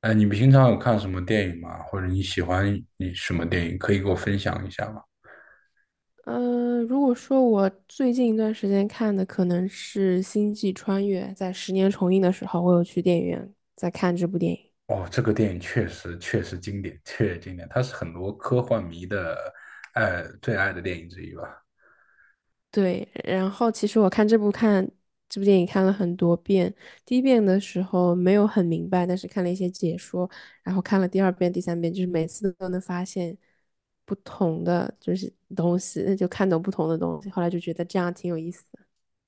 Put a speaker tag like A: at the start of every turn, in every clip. A: 哎，你平常有看什么电影吗？或者你喜欢你什么电影？可以给我分享一下吗？
B: 嗯，如果说我最近一段时间看的可能是《星际穿越》，在十年重映的时候，我有去电影院在看这部电影。
A: 哦，这个电影确实经典，确实经典，它是很多科幻迷的最爱的电影之一吧。
B: 对，然后其实我看这部看这部电影看了很多遍，第一遍的时候没有很明白，但是看了一些解说，然后看了第二遍、第三遍，就是每次都能发现不同的就是东西，那就看懂不同的东西，后来就觉得这样挺有意思的。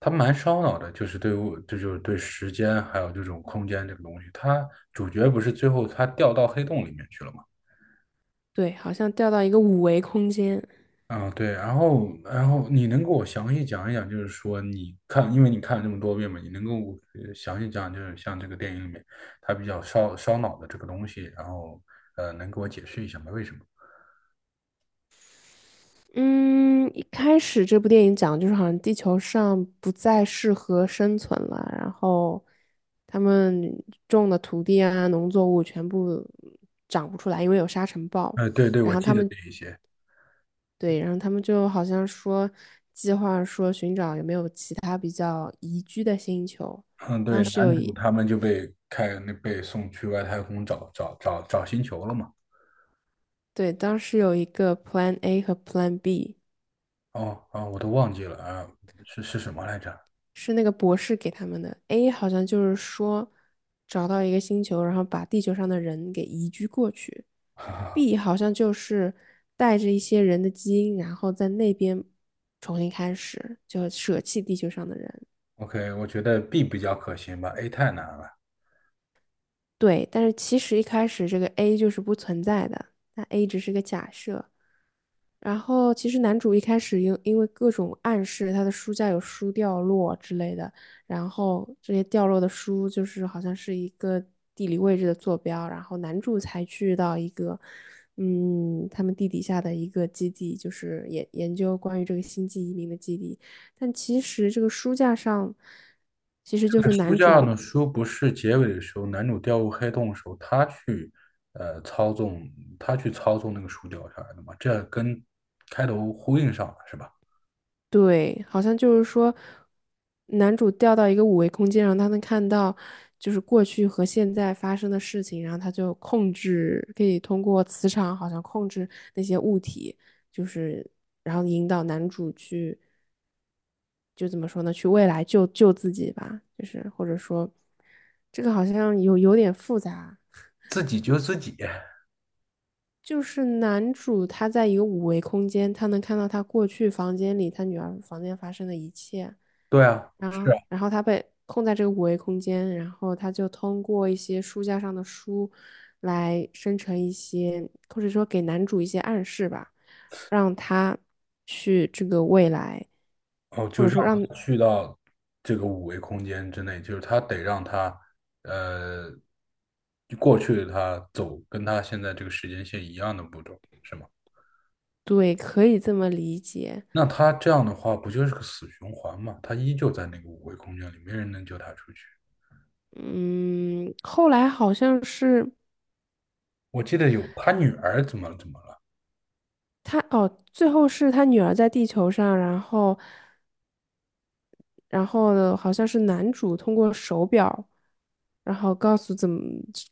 A: 它蛮烧脑的，就是对物，这就是对时间还有这种空间这个东西。它主角不是最后他掉到黑洞里面去了吗？
B: 对，好像掉到一个五维空间。
A: 啊，对，然后，你能给我详细讲一讲，就是说你看，因为你看了这么多遍嘛，你能给我详细讲，就是像这个电影里面它比较烧脑的这个东西，然后能给我解释一下吗？为什么？
B: 嗯，一开始这部电影讲的就是好像地球上不再适合生存了，然后他们种的土地啊、农作物全部长不出来，因为有沙尘暴。
A: 对对，我
B: 然后
A: 记
B: 他
A: 得
B: 们
A: 这一些。
B: 对，然后他们就好像说计划说寻找有没有其他比较宜居的星球。
A: 嗯，对，
B: 当时有
A: 男主
B: 一
A: 他们就被开那被送去外太空找星球了嘛。
B: 对，当时有一个 Plan A 和 Plan B。
A: 哦啊，我都忘记了啊，是什么来着
B: 是那个博士给他们的。A 好像就是说找到一个星球，然后把地球上的人给移居过去。
A: 啊
B: B 好像就是带着一些人的基因，然后在那边重新开始，就舍弃地球上的人。
A: ？OK，我觉得 B 比较可行吧，A 太难了。
B: 对，但是其实一开始这个 A 就是不存在的，那 A 只是个假设。然后其实男主一开始因为各种暗示，他的书架有书掉落之类的，然后这些掉落的书就是好像是一个地理位置的坐标，然后男主才去到一个，嗯，他们地底下的一个基地，就是研究关于这个星际移民的基地，但其实这个书架上其实就是
A: 书
B: 男
A: 架
B: 主
A: 呢？书不是结尾的时候，男主掉入黑洞的时候，呃操纵，他去操纵那个书掉下来的嘛，这跟开头呼应上了是吧？
B: 对，好像就是说，男主掉到一个五维空间，然后他能看到就是过去和现在发生的事情，然后他就控制，可以通过磁场好像控制那些物体，就是然后引导男主去，就怎么说呢，去未来救救自己吧，就是或者说，这个好像有点复杂。
A: 自己救自己，
B: 就是男主他在一个五维空间，他能看到他过去房间里他女儿房间发生的一切，
A: 对啊，
B: 然
A: 是啊，
B: 后然后他被困在这个五维空间，然后他就通过一些书架上的书来生成一些，或者说给男主一些暗示吧，让他去这个未来，
A: 哦，
B: 或
A: 就
B: 者
A: 让
B: 说让，
A: 他去到这个五维空间之内，就是他得让他呃过去的他走跟他现在这个时间线一样的步骤，是吗？
B: 对，可以这么理解。
A: 那他这样的话，不就是个死循环嘛？他依旧在那个五维空间里，没人能救他出去。
B: 嗯，后来好像是。
A: 我记得有他女儿怎么了？
B: 他哦，最后是他女儿在地球上，然后，然后呢，好像是男主通过手表，然后告诉怎么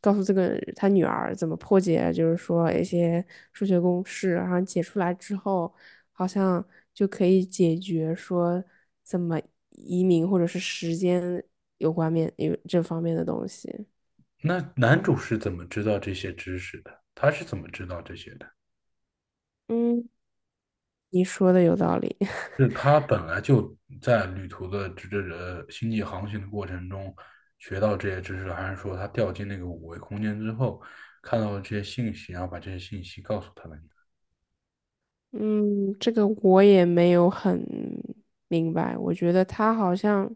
B: 告诉这个他女儿怎么破解，就是说一些数学公式，然后解出来之后，好像就可以解决说怎么移民或者是时间有关面有这方面的东西。
A: 那男主是怎么知道这些知识的？他是怎么知道这些的？
B: 嗯，你说的有道理。
A: 是他本来就在旅途的这这呃星际航行的过程中学到这些知识还是说他掉进那个五维空间之后看到了这些信息，然后把这些信息告诉他的女儿？
B: 嗯，这个我也没有很明白。我觉得他好像，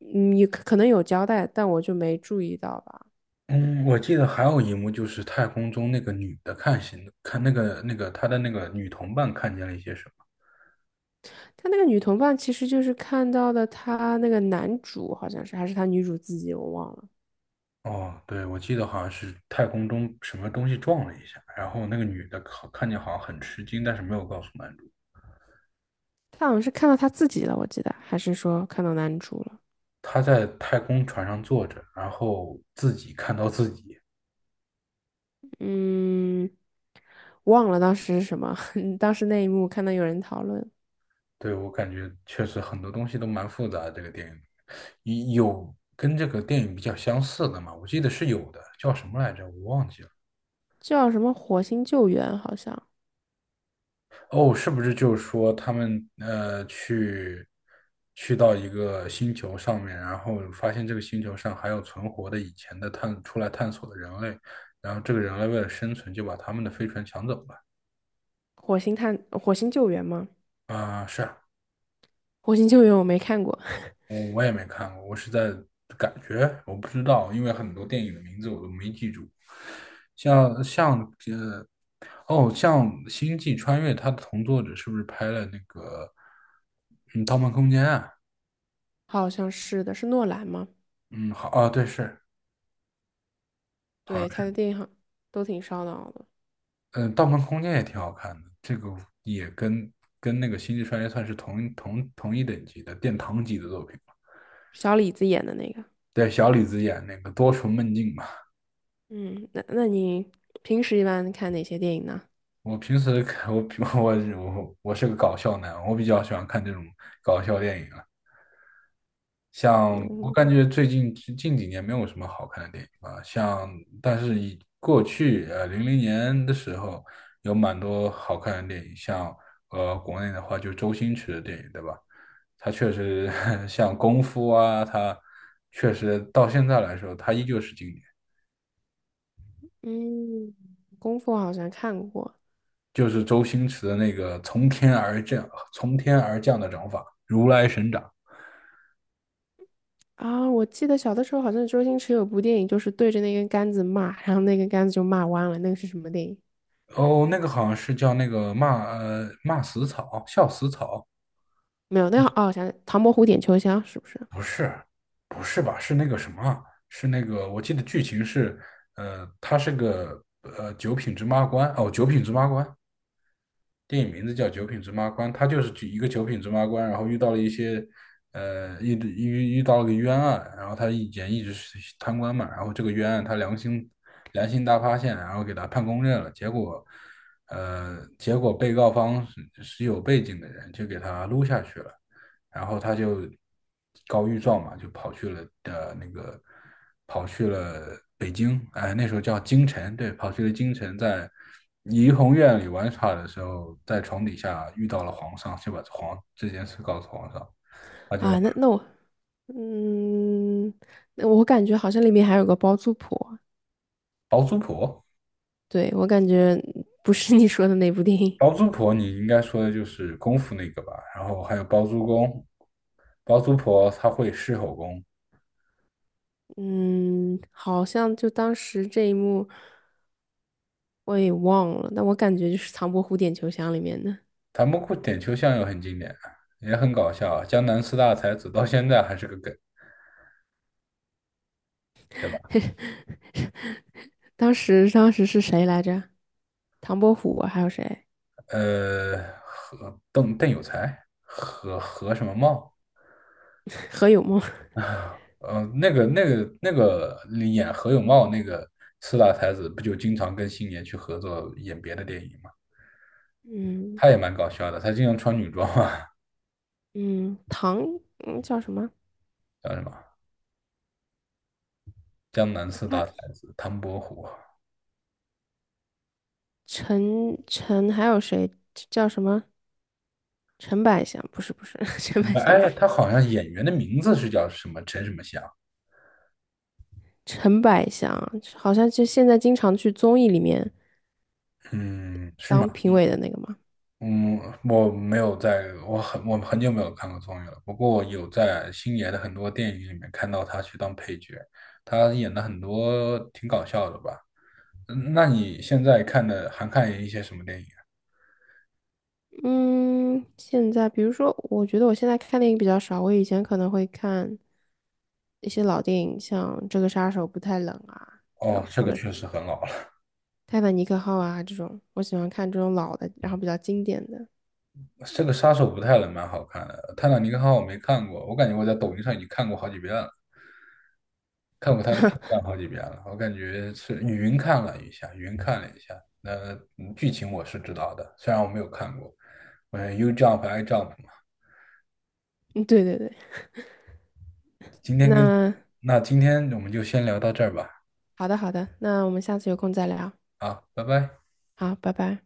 B: 嗯，也可能有交代，但我就没注意到吧。
A: 嗯，我记得还有一幕就是太空中那个女的看星，看那个那个她的那个女同伴看见了一些什么。
B: 他那个女同伴其实就是看到的，他那个男主，好像是还是他女主自己，我忘了。
A: 哦，对，我记得好像是太空中什么东西撞了一下，然后那个女的看见好像很吃惊，但是没有告诉男主。
B: 他好像是看到他自己了，我记得，还是说看到男主了？
A: 她在太空船上坐着，然后自己看到自己。
B: 嗯，忘了当时是什么。当时那一幕看到有人讨论，
A: 对，我感觉确实很多东西都蛮复杂的这个电影有跟这个电影比较相似的吗？我记得是有的，叫什么来着？我忘记了。
B: 叫什么火星救援，好像
A: 哦，是不是就是说他们去到一个星球上面，然后发现这个星球上还有存活的以前的探出来探索的人类，然后这个人类为了生存就把他们的飞船抢走了。
B: 火星救援吗？
A: 啊、是啊
B: 火星救援我没看过。
A: 我也没看过，我是在感觉，我不知道，因为很多电影的名字我都没记住，像像呃哦，像《星际穿越》，它的同作者是不是拍了那个嗯《盗梦空间》啊？
B: 好像是的，是诺兰吗？
A: 嗯，好啊，对，是好，像
B: 对，他的
A: 是，
B: 电影好都挺烧脑的，
A: 嗯，《盗梦空间》也挺好看的，这个也跟那个《星际穿越》算是同一等级的殿堂级的作品吧。
B: 小李子演的那个。
A: 对，小李子演那个多重梦境嘛。
B: 嗯，那你平时一般看哪些电影呢？
A: 我平时看我我我我是个搞笑男，我比较喜欢看这种搞笑电影啊。像我
B: 嗯
A: 感觉近几年没有什么好看的电影吧，像但是过去零零年的时候有蛮多好看的电影，像国内的话就周星驰的电影，对吧？他确实 像功夫啊，他确实到现在来说，他依旧是经典，
B: 嗯，功夫好像看过
A: 就是周星驰的那个从天而降的掌法，如来神掌。
B: 啊，我记得小的时候好像周星驰有部电影，就是对着那根杆子骂，然后那根杆子就骂弯了。那个是什么电影？
A: 哦，那个好像是叫骂死草，笑死草。
B: 没有，那个哦，我想起《唐伯虎点秋香》是不是
A: 不是，不是吧？是那个什么？是那个？我记得剧情是，他是个九品芝麻官哦，九品芝麻官。电影名字叫《九品芝麻官》，他就是举一个九品芝麻官，然后遇到了一些，遇到了个冤案，然后他以前一直是贪官嘛，然后这个冤案他良心大发现，然后给他判公正了，结果，结果被告方是有背景的人，就给他撸下去了。然后他就告御状嘛，就跑去了的那个跑去了北京，哎，那时候叫京城，对，跑去了京城，在怡红院里玩耍的时候，在床底下遇到了皇上，就把这件事告诉皇上，他就
B: 啊？那那我嗯，那我感觉好像里面还有个包租婆，
A: 包租婆，
B: 对，我感觉不是你说的那部电影。
A: 包租婆你应该说的就是功夫那个吧，然后还有包租公，包租婆她会狮吼功，
B: 嗯，好像就当时这一幕我也忘了，但我感觉就是唐伯虎点秋香里面的。
A: 他们过点秋香又很经典啊，也很搞笑啊，江南四大才子到现在还是个梗。对吧？
B: 当时是谁来着？唐伯虎啊还有谁？
A: 呃，何邓有才，何什么茂？
B: 何有梦？
A: 呃，那个演何有茂那个四大才子，不就经常跟星爷去合作演别的电影吗？
B: 嗯
A: 他也蛮搞笑的，他经常穿女装啊，
B: 嗯，唐嗯叫什么？
A: 叫什么江南
B: 我
A: 四大
B: 看
A: 才子唐伯虎
B: 陈还有谁叫什么？陈百祥不是 陈
A: 什
B: 百
A: 么？
B: 祥
A: 哎，
B: 不是
A: 他好像演员的名字是叫什么陈什么祥？
B: 陈百祥，好像就现在经常去综艺里面
A: 嗯，是吗？
B: 当评委的那个嘛。
A: 嗯，我很久没有看过综艺了。不过我有在星爷的很多电影里面看到他去当配角，他演的很多挺搞笑的吧？嗯那你现在看的还看一些什么电影啊？
B: 嗯，现在比如说，我觉得我现在看电影比较少，我以前可能会看一些老电影，像《这个杀手不太冷》啊这种，
A: 哦，这个确实很老了，
B: 《泰坦尼克号》啊这种，我喜欢看这种老的，然后比较经典的。
A: 这个《杀手不太冷》蛮好看的，《泰坦尼克号》我没看过，我感觉我在抖音上已经看过好几遍了。看过他的片段好几遍了，我感觉是云看了一下，云看了一下，那嗯剧情我是知道的，虽然我没有看过，嗯，U Jump I Jump 嘛。
B: 嗯，对对对。
A: 今天跟，
B: 那
A: 那今天我们就先聊到这儿吧，
B: 好的好的，那我们下次有空再聊。
A: 啊，拜拜。
B: 好，拜拜。